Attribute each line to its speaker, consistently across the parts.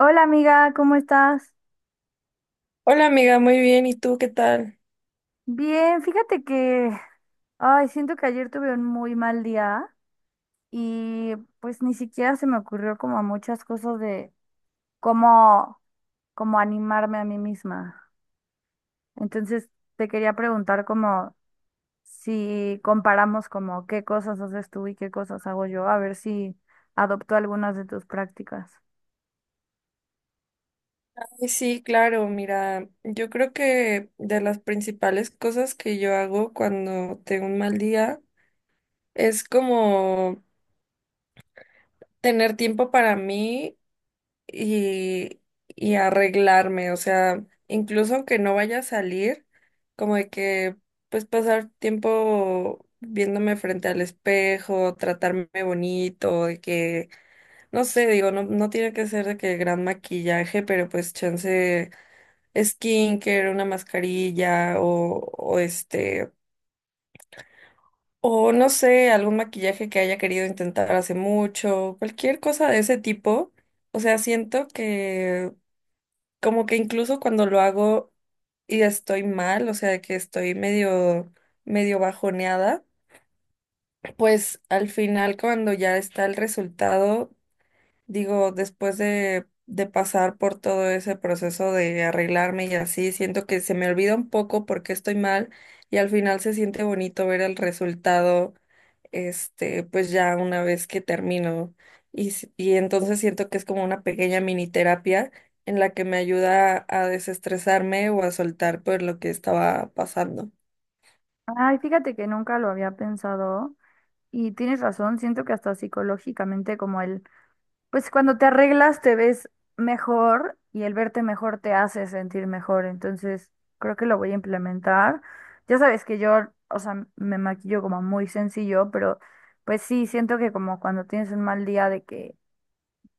Speaker 1: Hola amiga, ¿cómo estás?
Speaker 2: Hola amiga, muy bien. ¿Y tú qué tal?
Speaker 1: Bien, fíjate que, ay, siento que ayer tuve un muy mal día y pues ni siquiera se me ocurrió como muchas cosas de cómo, cómo animarme a mí misma. Entonces te quería preguntar como si comparamos como qué cosas haces tú y qué cosas hago yo, a ver si adopto algunas de tus prácticas.
Speaker 2: Ay, sí, claro, mira, yo creo que de las principales cosas que yo hago cuando tengo un mal día es como tener tiempo para mí y, y arreglarme, o sea, incluso aunque no vaya a salir, como de que pues pasar tiempo viéndome frente al espejo, tratarme bonito, de que, no sé, digo, no tiene que ser de que gran maquillaje, pero pues chance skincare, una mascarilla o o no sé, algún maquillaje que haya querido intentar hace mucho, cualquier cosa de ese tipo. O sea, siento que como que incluso cuando lo hago y estoy mal, o sea, de que estoy medio bajoneada, pues al final cuando ya está el resultado, digo, después de pasar por todo ese proceso de arreglarme y así, siento que se me olvida un poco porque estoy mal y al final se siente bonito ver el resultado, este, pues ya una vez que termino. Y entonces siento que es como una pequeña mini terapia en la que me ayuda a desestresarme o a soltar por lo que estaba pasando.
Speaker 1: Ay, fíjate que nunca lo había pensado y tienes razón, siento que hasta psicológicamente como el pues cuando te arreglas te ves mejor y el verte mejor te hace sentir mejor. Entonces, creo que lo voy a implementar. Ya sabes que yo, o sea, me maquillo como muy sencillo, pero pues sí, siento que como cuando tienes un mal día de que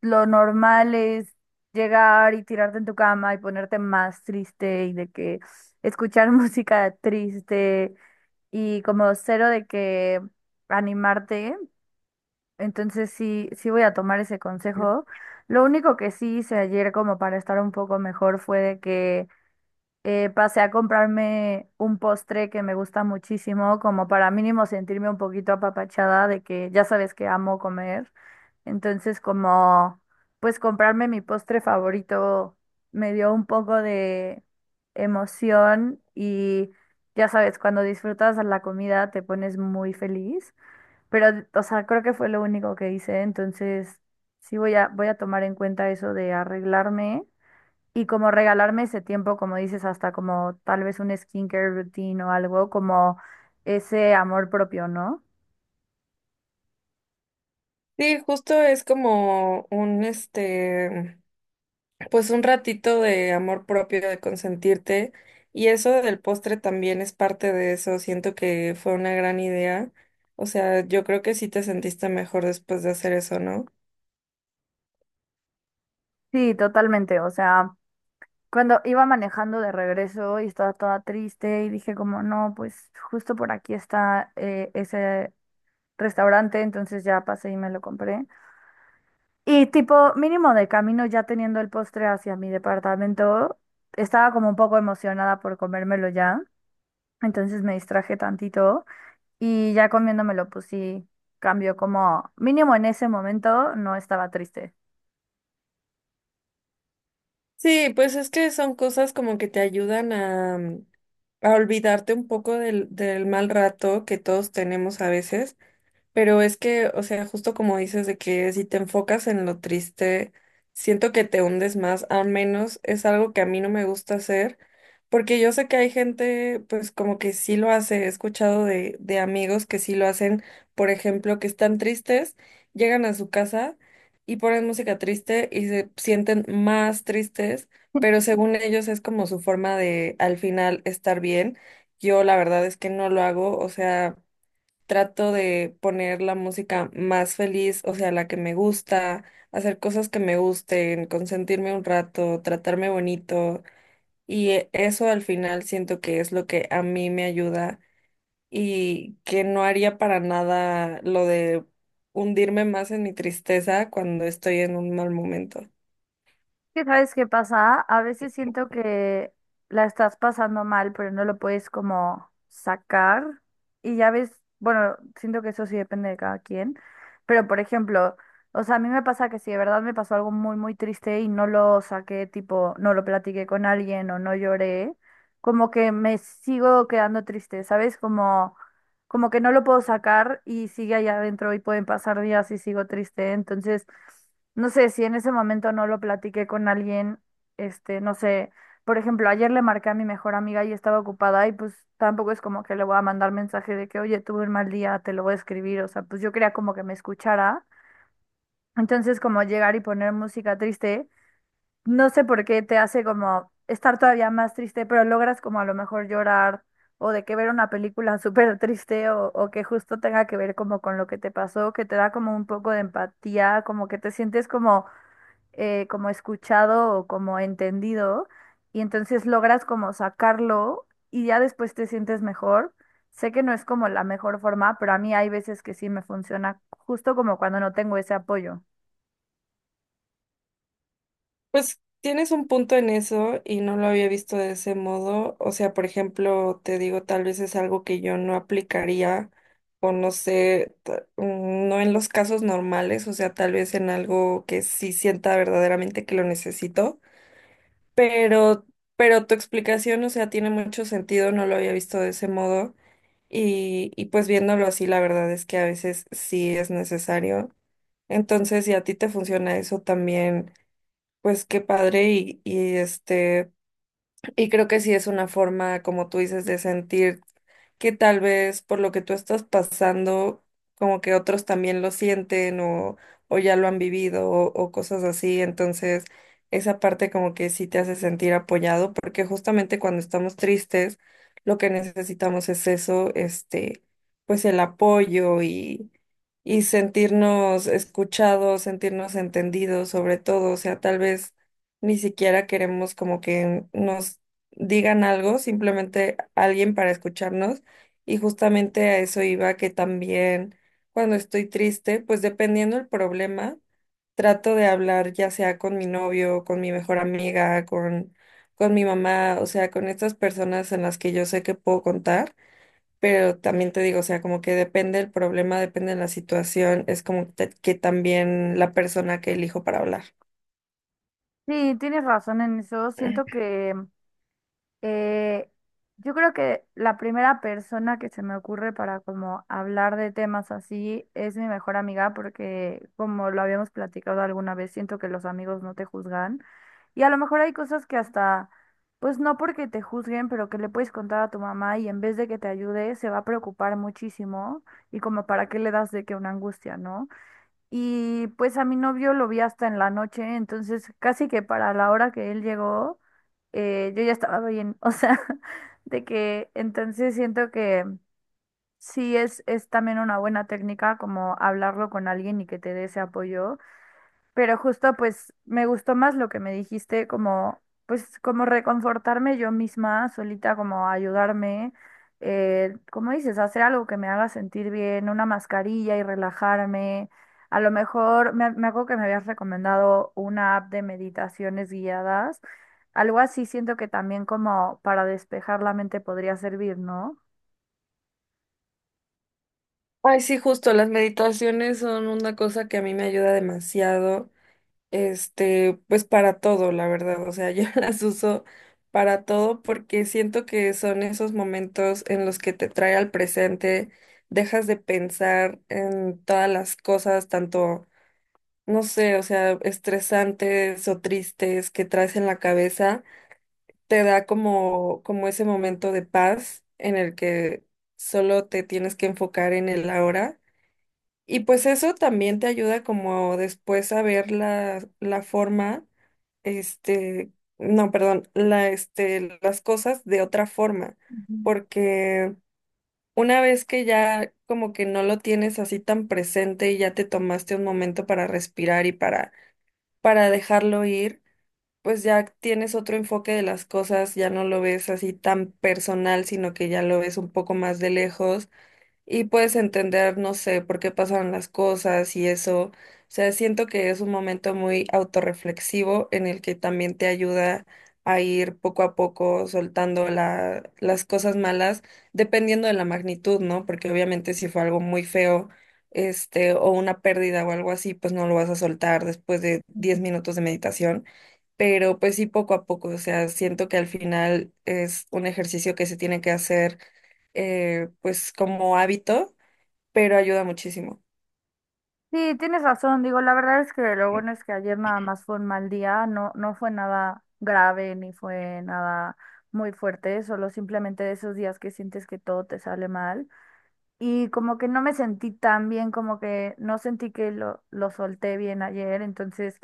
Speaker 1: lo normal es llegar y tirarte en tu cama y ponerte más triste y de que escuchar música triste y como cero de que animarte. Entonces sí, sí voy a tomar ese consejo. Lo único que sí hice ayer como para estar un poco mejor fue de que pasé a comprarme un postre que me gusta muchísimo, como para mínimo sentirme un poquito apapachada de que ya sabes que amo comer. Entonces como pues comprarme mi postre favorito me dio un poco de emoción y ya sabes, cuando disfrutas la comida te pones muy feliz. Pero, o sea, creo que fue lo único que hice, entonces sí voy a tomar en cuenta eso de arreglarme y como regalarme ese tiempo, como dices, hasta como tal vez un skincare routine o algo, como ese amor propio, ¿no?
Speaker 2: Sí, justo es como un, este, pues un ratito de amor propio, de consentirte. Y eso del postre también es parte de eso. Siento que fue una gran idea. O sea, yo creo que sí te sentiste mejor después de hacer eso, ¿no?
Speaker 1: Sí, totalmente, o sea, cuando iba manejando de regreso y estaba toda triste y dije como, no, pues justo por aquí está ese restaurante, entonces ya pasé y me lo compré. Y tipo, mínimo de camino ya teniendo el postre hacia mi departamento, estaba como un poco emocionada por comérmelo ya, entonces me distraje tantito y ya comiéndomelo pues sí, cambió como, mínimo en ese momento no estaba triste.
Speaker 2: Sí, pues es que son cosas como que te ayudan a olvidarte un poco del mal rato que todos tenemos a veces. Pero es que, o sea, justo como dices de que si te enfocas en lo triste, siento que te hundes más, al menos es algo que a mí no me gusta hacer, porque yo sé que hay gente, pues como que sí lo hace, he escuchado de amigos que sí lo hacen, por ejemplo, que están tristes, llegan a su casa y ponen música triste y se sienten más tristes, pero según ellos es como su forma de al final estar bien. Yo la verdad es que no lo hago, o sea trato de poner la música más feliz, o sea, la que me gusta, hacer cosas que me gusten, consentirme un rato, tratarme bonito. Y eso al final siento que es lo que a mí me ayuda y que no haría para nada lo de hundirme más en mi tristeza cuando estoy en un mal momento.
Speaker 1: ¿Que sabes qué pasa? A veces siento que la estás pasando mal, pero no lo puedes como sacar. Y ya ves, bueno, siento que eso sí depende de cada quien. Pero por ejemplo, o sea, a mí me pasa que si de verdad me pasó algo muy, muy triste y no lo saqué, tipo, no lo platiqué con alguien o no lloré, como que me sigo quedando triste, ¿sabes? Como, como que no lo puedo sacar y sigue allá adentro y pueden pasar días y sigo triste. Entonces... no sé si en ese momento no lo platiqué con alguien, este, no sé, por ejemplo, ayer le marqué a mi mejor amiga y estaba ocupada y pues tampoco es como que le voy a mandar mensaje de que, oye, tuve un mal día, te lo voy a escribir, o sea, pues yo quería como que me escuchara. Entonces, como llegar y poner música triste, no sé por qué te hace como estar todavía más triste, pero logras como a lo mejor llorar o de que ver una película súper triste o que justo tenga que ver como con lo que te pasó, que te da como un poco de empatía, como que te sientes como como escuchado o como entendido y entonces logras como sacarlo y ya después te sientes mejor. Sé que no es como la mejor forma, pero a mí hay veces que sí me funciona, justo como cuando no tengo ese apoyo.
Speaker 2: Pues tienes un punto en eso y no lo había visto de ese modo. O sea, por ejemplo, te digo, tal vez es algo que yo no aplicaría o no sé, no en los casos normales, o sea, tal vez en algo que sí sienta verdaderamente que lo necesito, pero, pero tu explicación, o sea, tiene mucho sentido, no lo había visto de ese modo y pues viéndolo así, la verdad es que a veces sí es necesario. Entonces, si a ti te funciona eso también pues qué padre y y creo que sí es una forma, como tú dices, de sentir que tal vez por lo que tú estás pasando, como que otros también lo sienten o ya lo han vivido o cosas así. Entonces, esa parte como que sí te hace sentir apoyado, porque justamente cuando estamos tristes, lo que necesitamos es eso, este, pues el apoyo y sentirnos escuchados, sentirnos entendidos, sobre todo. O sea, tal vez ni siquiera queremos como que nos digan algo, simplemente alguien para escucharnos y justamente a eso iba que también cuando estoy triste, pues dependiendo el problema, trato de hablar ya sea con mi novio, con mi mejor amiga, con mi mamá, o sea, con estas personas en las que yo sé que puedo contar, pero también te digo, o sea, como que depende el problema, depende de la situación, es como que también la persona que elijo para hablar.
Speaker 1: Sí, tienes razón en eso. Siento que Eh, yo creo que la primera persona que se me ocurre para como hablar de temas así es mi mejor amiga porque como lo habíamos platicado alguna vez, siento que los amigos no te juzgan y a lo mejor hay cosas que hasta, pues no porque te juzguen, pero que le puedes contar a tu mamá y en vez de que te ayude se va a preocupar muchísimo y como para qué le das de que una angustia, ¿no? Y pues a mi novio lo vi hasta en la noche, entonces casi que para la hora que él llegó, yo ya estaba bien. O sea, de que entonces siento que sí es también una buena técnica como hablarlo con alguien y que te dé ese apoyo. Pero justo pues me gustó más lo que me dijiste, como pues como reconfortarme yo misma, solita, como ayudarme, como dices, hacer algo que me haga sentir bien, una mascarilla y relajarme. A lo mejor me acuerdo que me habías recomendado una app de meditaciones guiadas. Algo así siento que también como para despejar la mente podría servir, ¿no?
Speaker 2: Ay, sí, justo, las meditaciones son una cosa que a mí me ayuda demasiado. Este, pues para todo, la verdad. O sea, yo las uso para todo porque siento que son esos momentos en los que te trae al presente, dejas de pensar en todas las cosas, tanto, no sé, o sea, estresantes o tristes que traes en la cabeza. Te da como, como ese momento de paz en el que solo te tienes que enfocar en el ahora. Y pues eso también te ayuda como después a ver la forma este, no, perdón, las cosas de otra forma,
Speaker 1: Ujú,
Speaker 2: porque una vez que ya como que no lo tienes así tan presente y ya te tomaste un momento para respirar y para dejarlo ir, pues ya tienes otro enfoque de las cosas, ya no lo ves así tan personal, sino que ya lo ves un poco más de lejos y puedes entender, no sé, por qué pasaron las cosas y eso. O sea, siento que es un momento muy autorreflexivo en el que también te ayuda a ir poco a poco soltando las cosas malas, dependiendo de la magnitud, ¿no? Porque obviamente si fue algo muy feo, este, o una pérdida o algo así, pues no lo vas a soltar después de
Speaker 1: ujú.
Speaker 2: 10 minutos de meditación. Pero pues sí, poco a poco, o sea, siento que al final es un ejercicio que se tiene que hacer pues como hábito, pero ayuda muchísimo.
Speaker 1: Sí, tienes razón. Digo, la verdad es que lo bueno es que ayer nada más fue un mal día, no, no fue nada grave ni fue nada muy fuerte, solo simplemente de esos días que sientes que todo te sale mal. Y como que no me sentí tan bien, como que no sentí que lo solté bien ayer, entonces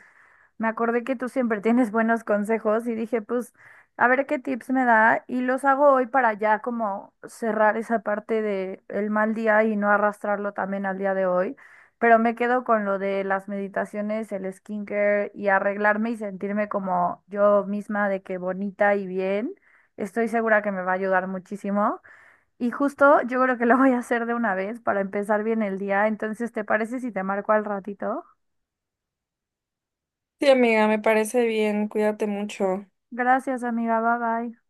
Speaker 1: me acordé que tú siempre tienes buenos consejos y dije, pues, a ver qué tips me da y los hago hoy para ya como cerrar esa parte de el mal día y no arrastrarlo también al día de hoy. Pero me quedo con lo de las meditaciones, el skincare y arreglarme y sentirme como yo misma de que bonita y bien. Estoy segura que me va a ayudar muchísimo. Y justo yo creo que lo voy a hacer de una vez para empezar bien el día. Entonces, ¿te parece si te marco al ratito?
Speaker 2: Sí, amiga, me parece bien, cuídate mucho.
Speaker 1: Gracias, amiga. Bye bye.